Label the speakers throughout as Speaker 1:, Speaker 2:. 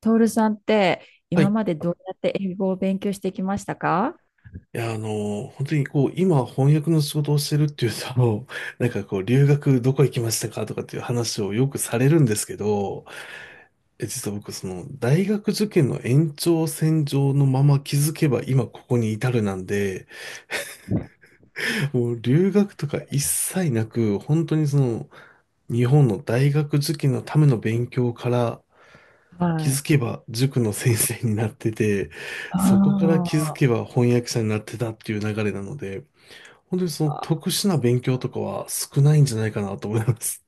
Speaker 1: トールさんって
Speaker 2: は
Speaker 1: 今
Speaker 2: い。
Speaker 1: までどうやって英語を勉強してきましたか？
Speaker 2: いや、本当にこう、今翻訳の仕事をしてるっていうと、なんかこう、留学どこ行きましたかとかっていう話をよくされるんですけど、実は僕、大学受験の延長線上のまま気づけば今ここに至るなんで、もう留学とか一切なく、本当に日本の大学受験のための勉強から気
Speaker 1: はい。
Speaker 2: づけば塾の先生になってて、そこから
Speaker 1: あ
Speaker 2: 気づけば翻訳者になってたっていう流れなので、本当にその
Speaker 1: あ、
Speaker 2: 特殊な勉強とかは少ないんじゃないかなと思います。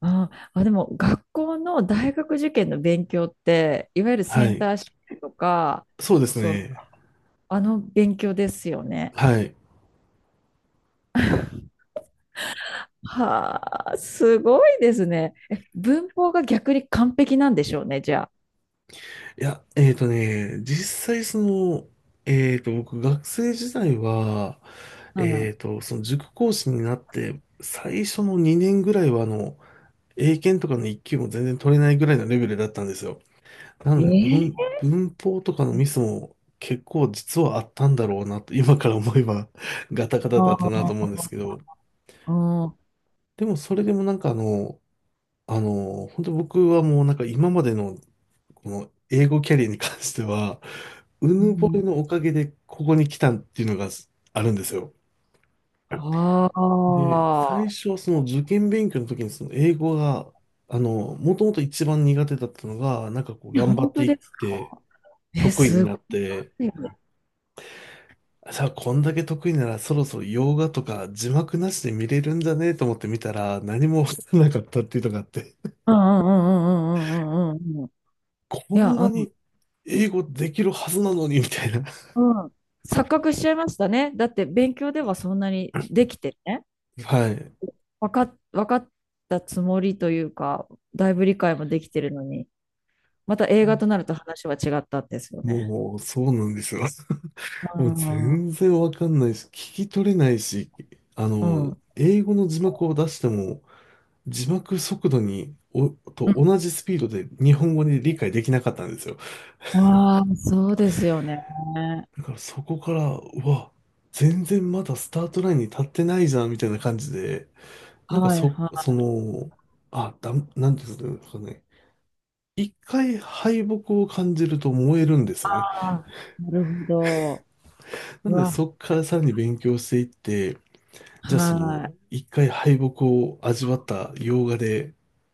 Speaker 1: ああ、でも学校の大学受験の勉強って、いわゆる セ
Speaker 2: は
Speaker 1: ン
Speaker 2: い。
Speaker 1: ター試験とか、
Speaker 2: そうです
Speaker 1: そう、
Speaker 2: ね。
Speaker 1: あの勉強ですよね。
Speaker 2: はい。
Speaker 1: はあ、すごいですね。え、文法が逆に完璧なんでしょうね、じゃ
Speaker 2: いや、実際僕学生時代は、
Speaker 1: あ。う
Speaker 2: その塾講師になって、最初の2年ぐらいは英検とかの1級も全然取れないぐらいのレベルだったんですよ。な
Speaker 1: ん、
Speaker 2: ので、
Speaker 1: えー、
Speaker 2: 文法とかのミスも結構実はあったんだろうなと、今から思えばガタガタだ
Speaker 1: あ
Speaker 2: ったなと思うんですけ
Speaker 1: ー
Speaker 2: ど、
Speaker 1: うん
Speaker 2: でもそれでもなんか本当僕はもうなんか今までのこの英語キャリアに関しては、う
Speaker 1: う
Speaker 2: ぬぼ
Speaker 1: ん
Speaker 2: れのおかげでここに来たっていうのがあるんですよ。
Speaker 1: あ
Speaker 2: で、最初はその受験勉強の時にその英語が、もともと一番苦手だったのが、なんかこう
Speaker 1: ー、
Speaker 2: 頑張
Speaker 1: 本
Speaker 2: って
Speaker 1: 当
Speaker 2: いっ
Speaker 1: ですか？
Speaker 2: て
Speaker 1: え、
Speaker 2: 得意に
Speaker 1: す
Speaker 2: な
Speaker 1: ご
Speaker 2: って、
Speaker 1: い。う
Speaker 2: さあこんだけ得意ならそろそろ洋画とか字幕なしで見れるんじゃねえと思って見たら何もわからなかったっていうのがあって、
Speaker 1: んうんうんうんうんうんうんうん。
Speaker 2: こ
Speaker 1: いや、
Speaker 2: んなに英語できるはずなのにみたいな。
Speaker 1: うん。錯覚しちゃいましたね。だって勉強ではそんなにできてね、
Speaker 2: はい。
Speaker 1: 分かっ、わかったつもりというか、だいぶ理解もできてるのに、また映画となると話は違ったんですよね。
Speaker 2: もう、そうなんですよ。
Speaker 1: う
Speaker 2: もう
Speaker 1: ん。うん。
Speaker 2: 全然わかんないし、聞き取れないし、
Speaker 1: うん、
Speaker 2: 英語の字幕を出しても、字幕速度に、と同じスピードで日本語に理解できなかったんですよ。
Speaker 1: ああ、そうですよね。
Speaker 2: だからそこから、うわ、全然まだスタートラインに立ってないじゃん、みたいな感じで、なんか
Speaker 1: はいは
Speaker 2: なんていうんですかね。一回敗北を感じると燃えるんですよね。
Speaker 1: い。なるほど。
Speaker 2: な
Speaker 1: う
Speaker 2: ので
Speaker 1: わ、
Speaker 2: そこからさらに勉強していって、じゃあ
Speaker 1: はい。
Speaker 2: 一回敗北を味わった洋画で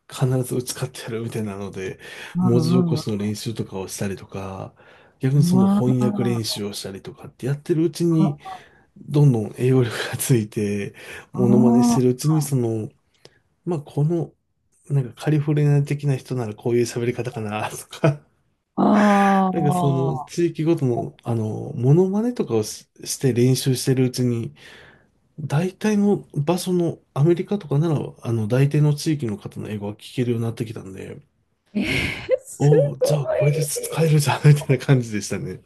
Speaker 2: 必ず打ち勝ってやるみたいなので、
Speaker 1: う
Speaker 2: 文字起
Speaker 1: ん
Speaker 2: こ
Speaker 1: うん。
Speaker 2: しの練習とかをしたりとか、逆に
Speaker 1: う
Speaker 2: その
Speaker 1: わ
Speaker 2: 翻訳練
Speaker 1: あ
Speaker 2: 習をしたりとかってやってるうちに、どんどん栄養力がついて、
Speaker 1: あ
Speaker 2: モノマネし
Speaker 1: ー、
Speaker 2: てるうちに、まあ、この、なんかカリフォルニア的な人ならこういう喋り方かな とか、
Speaker 1: あ
Speaker 2: なんかその
Speaker 1: あ。
Speaker 2: 地域ごとの、モノマネとかをしして練習してるうちに、大体の場所のアメリカとかなら、大体の地域の方の英語は聞けるようになってきたんで、
Speaker 1: えー、す
Speaker 2: おお、
Speaker 1: ご
Speaker 2: じ
Speaker 1: い。
Speaker 2: ゃあこれで使えるじゃん、みたいな感じでしたね。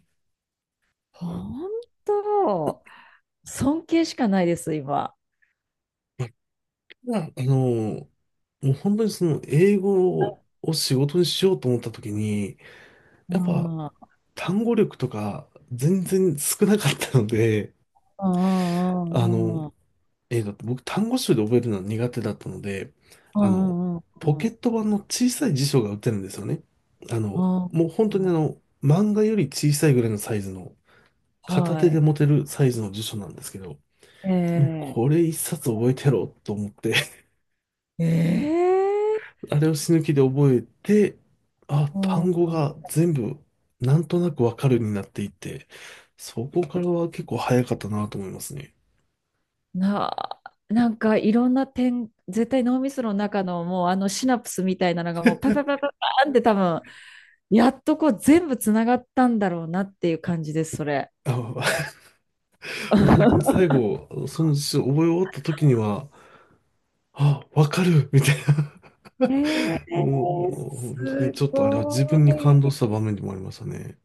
Speaker 1: 本当、尊敬しかないです、今。
Speaker 2: まあただ、もう本当にその英語を仕事にしようと思った時に、
Speaker 1: う
Speaker 2: やっぱ
Speaker 1: ん、うん、
Speaker 2: 単語力とか全然少なかったので、
Speaker 1: う
Speaker 2: あの、
Speaker 1: ん、うん、
Speaker 2: えって僕単語集で覚えるのは苦手だったので、
Speaker 1: う
Speaker 2: あの、
Speaker 1: ん、うん、う
Speaker 2: ポ
Speaker 1: ん、う
Speaker 2: ケ
Speaker 1: ん、
Speaker 2: ット版の小さい辞書が売ってるんですよね。あ
Speaker 1: う
Speaker 2: の、
Speaker 1: ん
Speaker 2: もう本当
Speaker 1: う
Speaker 2: に
Speaker 1: ん、
Speaker 2: 漫画より小さいぐらいのサイズの、片
Speaker 1: は
Speaker 2: 手で
Speaker 1: い。
Speaker 2: 持てるサイズの辞書なんですけど、もうこ
Speaker 1: え
Speaker 2: れ一冊覚えてやろうと思って
Speaker 1: ええー
Speaker 2: あれを死ぬ気で覚えて、あ、
Speaker 1: うん、
Speaker 2: 単語が全部なんとなくわかるようになっていて、そこからは結構早かったなと思いますね。
Speaker 1: な、なんかいろんな点、絶対脳みその中のもうあのシナプスみたいなのがもうパパパパパーンって多分、やっとこう全部つながったんだろうなっていう感じです、それ。
Speaker 2: あ、もう本当に 最後、その辞書を覚え終わった時には、あ、わかるみたいな
Speaker 1: ええ、
Speaker 2: もう、本当に
Speaker 1: す
Speaker 2: ちょっとあれは
Speaker 1: ご
Speaker 2: 自分に感動
Speaker 1: い。
Speaker 2: した場面でもありましたね。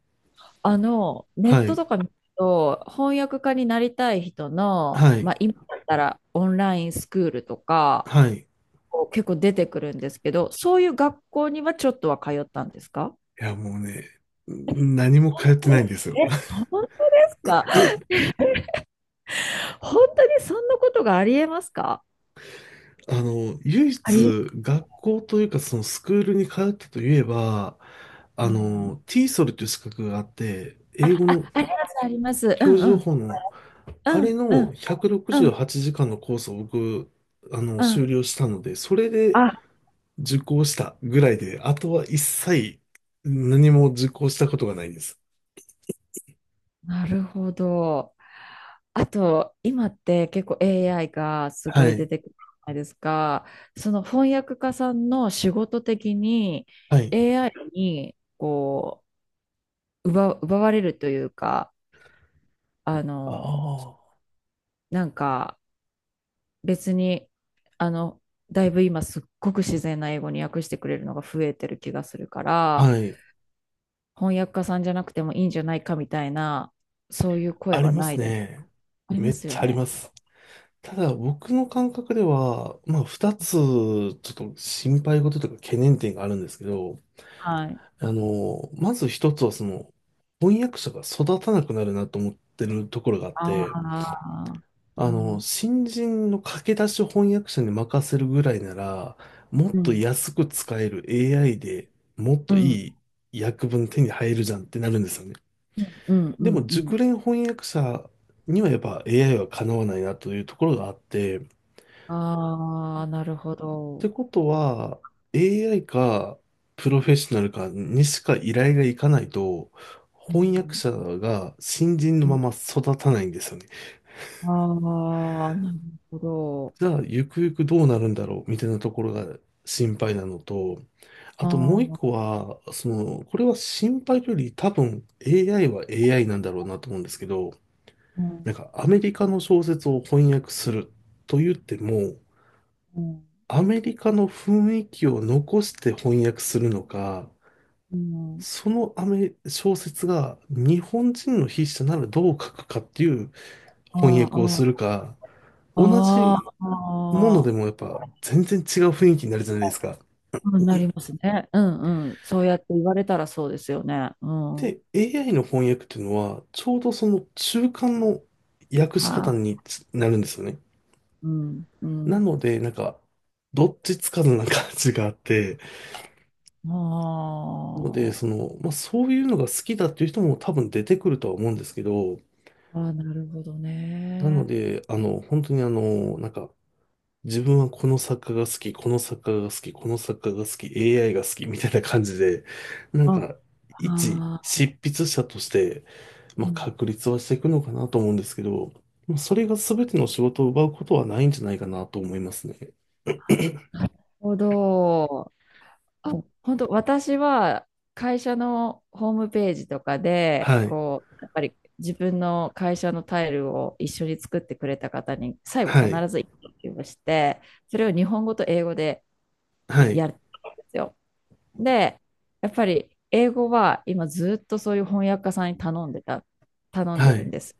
Speaker 1: ネッ
Speaker 2: は
Speaker 1: ト
Speaker 2: い。
Speaker 1: とか見ると、翻訳家になりたい人の、
Speaker 2: はい。
Speaker 1: 今だったらオンラインスクールとか、
Speaker 2: はい。
Speaker 1: 結構出てくるんですけど、そういう学校にはちょっとは通ったんですか？
Speaker 2: いや、もうね、何も
Speaker 1: 本
Speaker 2: 通って
Speaker 1: 当？
Speaker 2: ないんですよ。
Speaker 1: え、本当ですか？本当にそんなことがありえますか？
Speaker 2: 唯一
Speaker 1: あり
Speaker 2: 学校というかそのスクールに通ったといえば、
Speaker 1: うん、
Speaker 2: t ソルという資格があって、英語
Speaker 1: あ
Speaker 2: の
Speaker 1: ります、あります。う
Speaker 2: 教
Speaker 1: ん
Speaker 2: 授
Speaker 1: う
Speaker 2: 情
Speaker 1: ん、
Speaker 2: 報の、あ
Speaker 1: う
Speaker 2: れ
Speaker 1: ん、う
Speaker 2: の
Speaker 1: ん、
Speaker 2: 168
Speaker 1: うん、
Speaker 2: 時間のコースを僕、
Speaker 1: う
Speaker 2: 修
Speaker 1: ん。
Speaker 2: 了したので、それで
Speaker 1: あ、
Speaker 2: 受講したぐらいで、あとは一切何も受講したことがないです。
Speaker 1: なるほど。あと、今って結構 AI がす
Speaker 2: は
Speaker 1: ごい出
Speaker 2: い。
Speaker 1: てくるじゃないですか。その翻訳家さんの仕事的に
Speaker 2: はい。
Speaker 1: AI に奪われるというか、あの、
Speaker 2: あ
Speaker 1: なんか別に、あの、だいぶ今すっごく自然な英語に訳してくれるのが増えてる気がするか
Speaker 2: あ。
Speaker 1: ら、
Speaker 2: はい。
Speaker 1: 翻訳家さんじゃなくてもいいんじゃないかみたいな、そういう声
Speaker 2: あり
Speaker 1: は
Speaker 2: ま
Speaker 1: な
Speaker 2: す
Speaker 1: いです
Speaker 2: ね。
Speaker 1: あり
Speaker 2: め
Speaker 1: ま
Speaker 2: っ
Speaker 1: す
Speaker 2: ち
Speaker 1: よ
Speaker 2: ゃあり
Speaker 1: ね。
Speaker 2: ます。ただ僕の感覚では、まあ二つちょっと心配事というか懸念点があるんですけど、
Speaker 1: はい。
Speaker 2: まず一つはその翻訳者が育たなくなるなと思ってるところがあっ
Speaker 1: あ
Speaker 2: て、
Speaker 1: あ、うん、うん、
Speaker 2: 新人の駆け出し翻訳者に任せるぐらいなら、もっ
Speaker 1: う
Speaker 2: と
Speaker 1: ん、
Speaker 2: 安く使える AI でもっ
Speaker 1: う
Speaker 2: と
Speaker 1: ん
Speaker 2: いい訳文手に入るじゃんってなるんですよね。
Speaker 1: うん、う
Speaker 2: でも
Speaker 1: ん、うん。
Speaker 2: 熟練翻訳者にはやっぱ AI はかなわないなというところがあって、っ
Speaker 1: ああ、なるほ
Speaker 2: て
Speaker 1: ど。
Speaker 2: ことは AI かプロフェッショナルかにしか依頼がいかないと
Speaker 1: う
Speaker 2: 翻訳
Speaker 1: ん、
Speaker 2: 者が新人の
Speaker 1: う
Speaker 2: ま
Speaker 1: ん、
Speaker 2: ま育たないんですよね。
Speaker 1: ああ、なるほど。
Speaker 2: じゃあ、ゆくゆくどうなるんだろうみたいなところが心配なのと、あ
Speaker 1: あ
Speaker 2: ともう一個
Speaker 1: あ、
Speaker 2: は、これは心配より多分 AI は AI なんだろうなと思うんですけど、
Speaker 1: うん、
Speaker 2: なんかアメリカの小説を翻訳すると言っても、
Speaker 1: うん、
Speaker 2: アメリカの雰囲気を残して翻訳するのか、
Speaker 1: うん、
Speaker 2: そのアメ、小説が日本人の筆者ならどう書くかっていう翻
Speaker 1: あ
Speaker 2: 訳を
Speaker 1: あ、
Speaker 2: するか、同
Speaker 1: ああ、
Speaker 2: じもの
Speaker 1: あ
Speaker 2: で
Speaker 1: あ、
Speaker 2: もやっぱ全然違う雰囲気になるじゃないですか。
Speaker 1: うん、なりますね。うん、うん。そうやって言われたらそうですよね。うん。
Speaker 2: で、AI の翻訳っていうのは、ちょうどその中間の訳し方
Speaker 1: は
Speaker 2: につなるんですよね。
Speaker 1: い、うん、う
Speaker 2: な
Speaker 1: ん。
Speaker 2: ので、なんか、どっちつかずな感じがあって、なので、
Speaker 1: あ
Speaker 2: まあ、そういうのが好きだっていう人も多分出てくるとは思うんですけど、
Speaker 1: あ、ああ、なるほど
Speaker 2: なの
Speaker 1: ね。
Speaker 2: で、本当になんか、自分はこの作家が好き、この作家が好き、この作家が好き、AI が好きみたいな感じで、なん
Speaker 1: あ、
Speaker 2: か、一
Speaker 1: あ
Speaker 2: 執
Speaker 1: あ、
Speaker 2: 筆者として、ま
Speaker 1: う
Speaker 2: あ、
Speaker 1: ん、
Speaker 2: 確立はしていくのかなと思うんですけど、まあそれが全ての仕事を奪うことはないんじゃないかなと思いますね。
Speaker 1: なるほど。あ、本当、私は会社のホームページとかで、
Speaker 2: はい、
Speaker 1: やっぱり自分の会社のタイルを一緒に作ってくれた方に、最後
Speaker 2: はい、
Speaker 1: 必ず一句をして、それを日本語と英語で
Speaker 2: は
Speaker 1: や
Speaker 2: い、
Speaker 1: るんですよ。で、やっぱり英語は今ずっとそういう翻訳家さんに頼んでた、頼んで
Speaker 2: は
Speaker 1: るん
Speaker 2: い、
Speaker 1: です。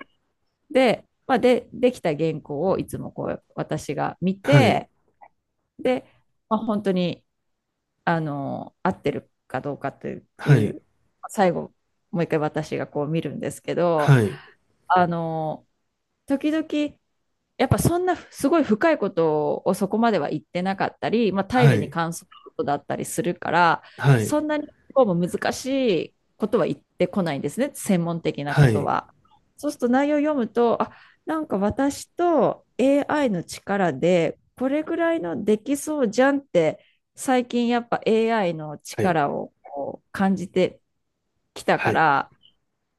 Speaker 1: で、で、できた原稿をいつも私が見
Speaker 2: はい、
Speaker 1: て、で、本当に、合ってるかどうかとい
Speaker 2: はい、
Speaker 1: う、最後、もう一回私が見るんですけど、
Speaker 2: はい、
Speaker 1: あの、時々やっぱそんなすごい深いことをそこまでは言ってなかったり、タイ
Speaker 2: は
Speaker 1: ルに
Speaker 2: い、
Speaker 1: 関することだったりするから、
Speaker 2: はい、
Speaker 1: そんなにこうも難しいことは言ってこないんですね、専門的なこ
Speaker 2: は
Speaker 1: と
Speaker 2: い、
Speaker 1: は。そうすると内容を読むと、なんか私と AI の力でこれぐらいのできそうじゃんって、最近やっぱ AI の
Speaker 2: はい、
Speaker 1: 力を感じてきた
Speaker 2: は
Speaker 1: か
Speaker 2: い、
Speaker 1: ら、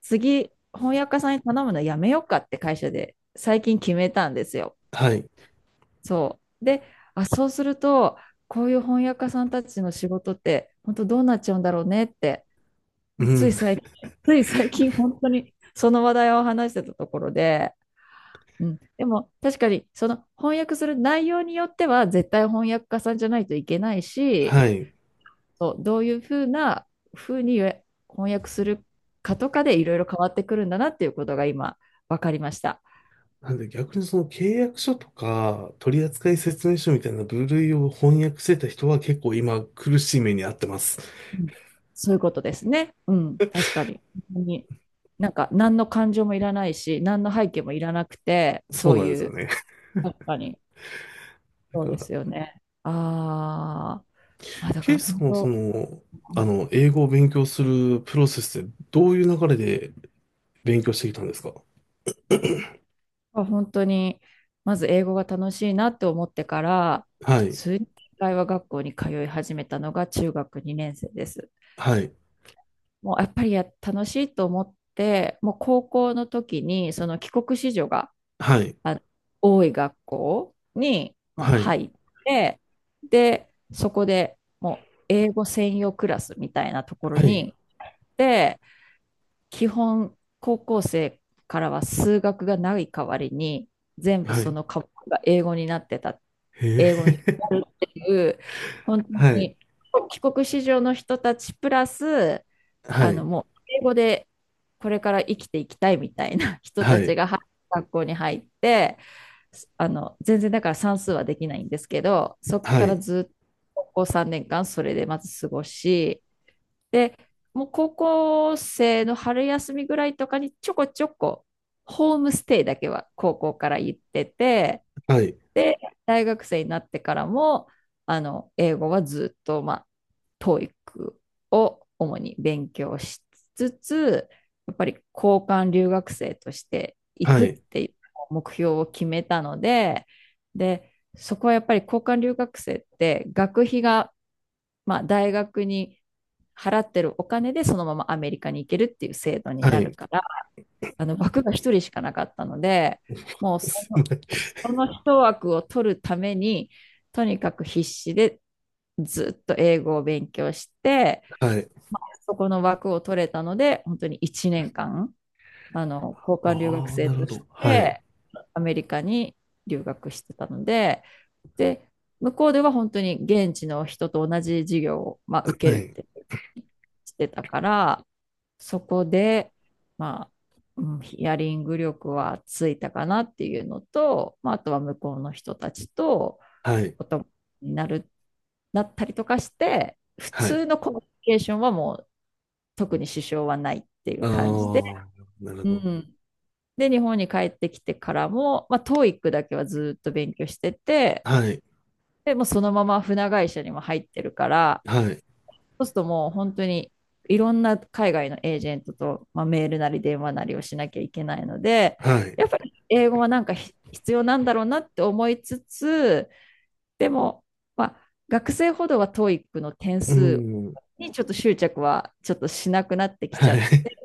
Speaker 1: 次翻訳家さんに頼むのやめようかって会社で最近決めたんですよ。
Speaker 2: はい、
Speaker 1: そう。で、そうすると、こういう翻訳家さんたちの仕事って、本当どうなっちゃうんだろうねって、
Speaker 2: う
Speaker 1: もうつ
Speaker 2: ん、
Speaker 1: い最近、つい最近、本当にその話題を話してたところで、うん、でも確かに、その翻訳する内容によっては、絶対翻訳家さんじゃないといけないし、
Speaker 2: はい、
Speaker 1: そう、どういうふうに翻訳するかとかでいろいろ変わってくるんだなっていうことが今、分かりました。
Speaker 2: なんで逆にその契約書とか取扱説明書みたいな部類を翻訳してた人は結構今苦しい目に遭ってます。
Speaker 1: うん、そういうことですね。うん、確かに。本当に。なんか、何の感情もいらないし、何の背景もいらなくて、
Speaker 2: そ
Speaker 1: そ
Speaker 2: う
Speaker 1: う
Speaker 2: なん
Speaker 1: い
Speaker 2: ですよ
Speaker 1: う、
Speaker 2: ね。
Speaker 1: 確かに、そう
Speaker 2: だか
Speaker 1: で
Speaker 2: ら、
Speaker 1: すよね。ああ、だか
Speaker 2: ケイ
Speaker 1: ら
Speaker 2: さ
Speaker 1: 本
Speaker 2: んはそ
Speaker 1: 当、
Speaker 2: の、英語を勉強するプロセスでどういう流れで勉強してきたんですか？
Speaker 1: 本当に、まず英語が楽しいなって思ってから、
Speaker 2: は
Speaker 1: 普
Speaker 2: い、
Speaker 1: 通に会話学校に通い始めたのが中学2年生です。
Speaker 2: はい、
Speaker 1: もうやっぱり楽しいと思って、もう高校の時にその帰国子女が
Speaker 2: はい、
Speaker 1: あ、多い学校に、
Speaker 2: はい、
Speaker 1: 入って、で、そこでもう英語専用クラスみたいなところ
Speaker 2: はい、
Speaker 1: に行って、基本高校生からは数学がない代わりに、全部
Speaker 2: は
Speaker 1: そ
Speaker 2: い、
Speaker 1: の科目が英語になってた、
Speaker 2: へ
Speaker 1: 英語に
Speaker 2: え、
Speaker 1: なるっていう、本 当
Speaker 2: はい、
Speaker 1: に帰国子女の人たちプラス、
Speaker 2: はい、
Speaker 1: もう英語でこれから生きていきたいみたいな人
Speaker 2: は
Speaker 1: たち
Speaker 2: い、
Speaker 1: が入学校に入って、全然だから算数はできないんですけど、そこ
Speaker 2: は
Speaker 1: から
Speaker 2: い、
Speaker 1: ずっと高校3年間それでまず過ごし、で、もう高校生の春休みぐらいとかにちょこちょこホームステイだけは高校から行ってて、
Speaker 2: はい、
Speaker 1: で、大学生になってからも、英語はずっと、TOEIC を主に勉強しつつ、やっぱり交換留学生として行
Speaker 2: は
Speaker 1: くっ
Speaker 2: い、
Speaker 1: ていう目標を決めたので、で、そこはやっぱり交換留学生って学費が、大学に払ってるお金でそのままアメリカに行けるっていう制度に
Speaker 2: は
Speaker 1: なる
Speaker 2: い、
Speaker 1: から、あの枠が一人しかなかったので、もう そ
Speaker 2: すご
Speaker 1: の、
Speaker 2: い
Speaker 1: その一枠を取るために、とにかく必死でずっと英語を勉強して、
Speaker 2: はい、
Speaker 1: そこの枠を取れたので、本当に1年間、交換留学
Speaker 2: ああ、
Speaker 1: 生
Speaker 2: なるほ
Speaker 1: とし
Speaker 2: ど、はい、
Speaker 1: て、アメリカに留学してたので、で、向こうでは本当に現地の人と同じ授業を、受け
Speaker 2: は
Speaker 1: るっ
Speaker 2: い、
Speaker 1: てしてたから、そこで、まあ、うんヒアリング力はついたかなっていうのと、あとは向こうの人たちと
Speaker 2: はい。
Speaker 1: お友達になったりとかして、普
Speaker 2: はい。
Speaker 1: 通のコミュニケーションはもう特に支障はないっていう
Speaker 2: あ
Speaker 1: 感じで、
Speaker 2: あ、なるほ
Speaker 1: う
Speaker 2: ど。
Speaker 1: ん、で、日本に帰ってきてからも、TOEIC だけはずっと勉強してて、
Speaker 2: はい。
Speaker 1: で、もうそのまま船会社にも入ってるから、
Speaker 2: はい。
Speaker 1: そうするともう本当にいろんな海外のエージェントと、メールなり電話なりをしなきゃいけないので、
Speaker 2: はい。
Speaker 1: やっぱり英語はなんか必要なんだろうなって思いつつ、でも、学生ほどは TOEIC の点
Speaker 2: う
Speaker 1: 数
Speaker 2: ん。
Speaker 1: にちょっと執着はちょっとしなくなってきちゃ
Speaker 2: は
Speaker 1: っ
Speaker 2: い。
Speaker 1: て、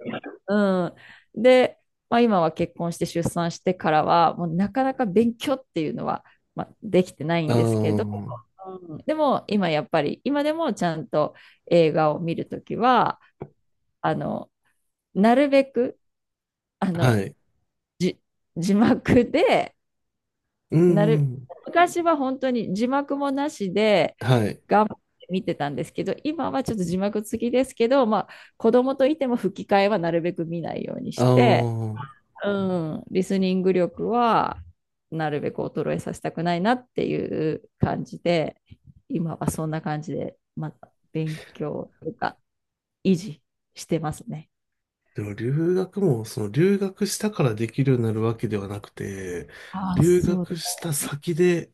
Speaker 1: うん。で、今は結婚して出産してからは、もうなかなか勉強っていうのは、できてない
Speaker 2: あ
Speaker 1: んですけど、
Speaker 2: あ、
Speaker 1: うん、でも今やっぱり今でもちゃんと映画を見るときはあのなるべくあ
Speaker 2: は
Speaker 1: の
Speaker 2: い。
Speaker 1: 字幕で、
Speaker 2: う
Speaker 1: なる
Speaker 2: ん。
Speaker 1: 昔は本当に字幕もなしで
Speaker 2: はい。
Speaker 1: 頑張って見てたんですけど、今はちょっと字幕付きですけど、子供といても吹き替えはなるべく見ないように
Speaker 2: あ
Speaker 1: して、
Speaker 2: あ。
Speaker 1: うん、リスニング力はなるべく衰えさせたくないなっていう感じで、今はそんな感じでまた勉強とか維持してますね。
Speaker 2: でも留学も、その留学したからできるようになるわけではなくて、
Speaker 1: ああ、
Speaker 2: 留
Speaker 1: そうで
Speaker 2: 学
Speaker 1: す
Speaker 2: した
Speaker 1: ね。
Speaker 2: 先で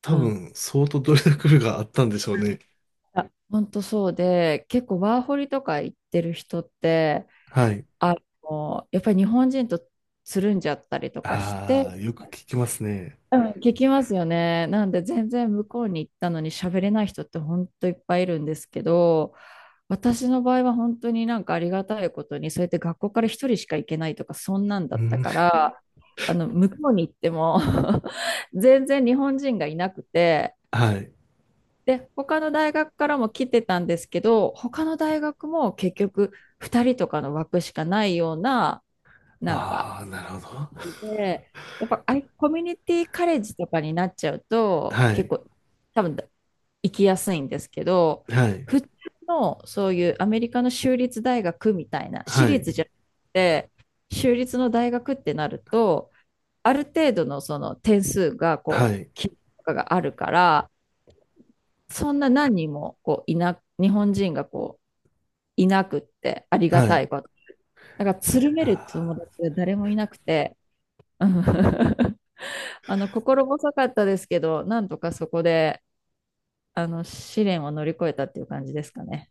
Speaker 2: 多
Speaker 1: うん。
Speaker 2: 分相当努力があったんでしょうね。
Speaker 1: 本当そうで、結構ワーホリとか行ってる人って、
Speaker 2: はい。
Speaker 1: あやっぱり日本人とつるんじゃったりとかして、
Speaker 2: ああ、よく聞きますね。
Speaker 1: うん。聞きますよね。なんで全然向こうに行ったのに喋れない人って本当いっぱいいるんですけど、私の場合は本当になんかありがたいことに、そうやって学校から一人しか行けないとか、そんなん
Speaker 2: う
Speaker 1: だった
Speaker 2: ん。
Speaker 1: から、向こうに行っても 全然日本人がいなくて、
Speaker 2: はい。
Speaker 1: で、他の大学からも来てたんですけど、他の大学も結局2人とかの枠しかないような、なんか、
Speaker 2: ああ、なるほど。
Speaker 1: で、やっぱコミュニティカレッジとかになっちゃうと、
Speaker 2: は
Speaker 1: 結
Speaker 2: い。
Speaker 1: 構多分行きやすいんですけど、
Speaker 2: はい。
Speaker 1: 普通のそういうアメリカの州立大学みたいな、私
Speaker 2: はい。
Speaker 1: 立じゃなくて、州立の大学ってなると、ある程度のその点数が
Speaker 2: はい。
Speaker 1: 基準とかがあるから、そんな何人もこういな、日本人がこういなくって、ありが
Speaker 2: は
Speaker 1: たい
Speaker 2: い。
Speaker 1: こと。だから、つるめる
Speaker 2: あ
Speaker 1: 友達が誰もいなくて、うん、心細かったですけど、なんとかそこで、試練を乗り越えたっていう感じですかね。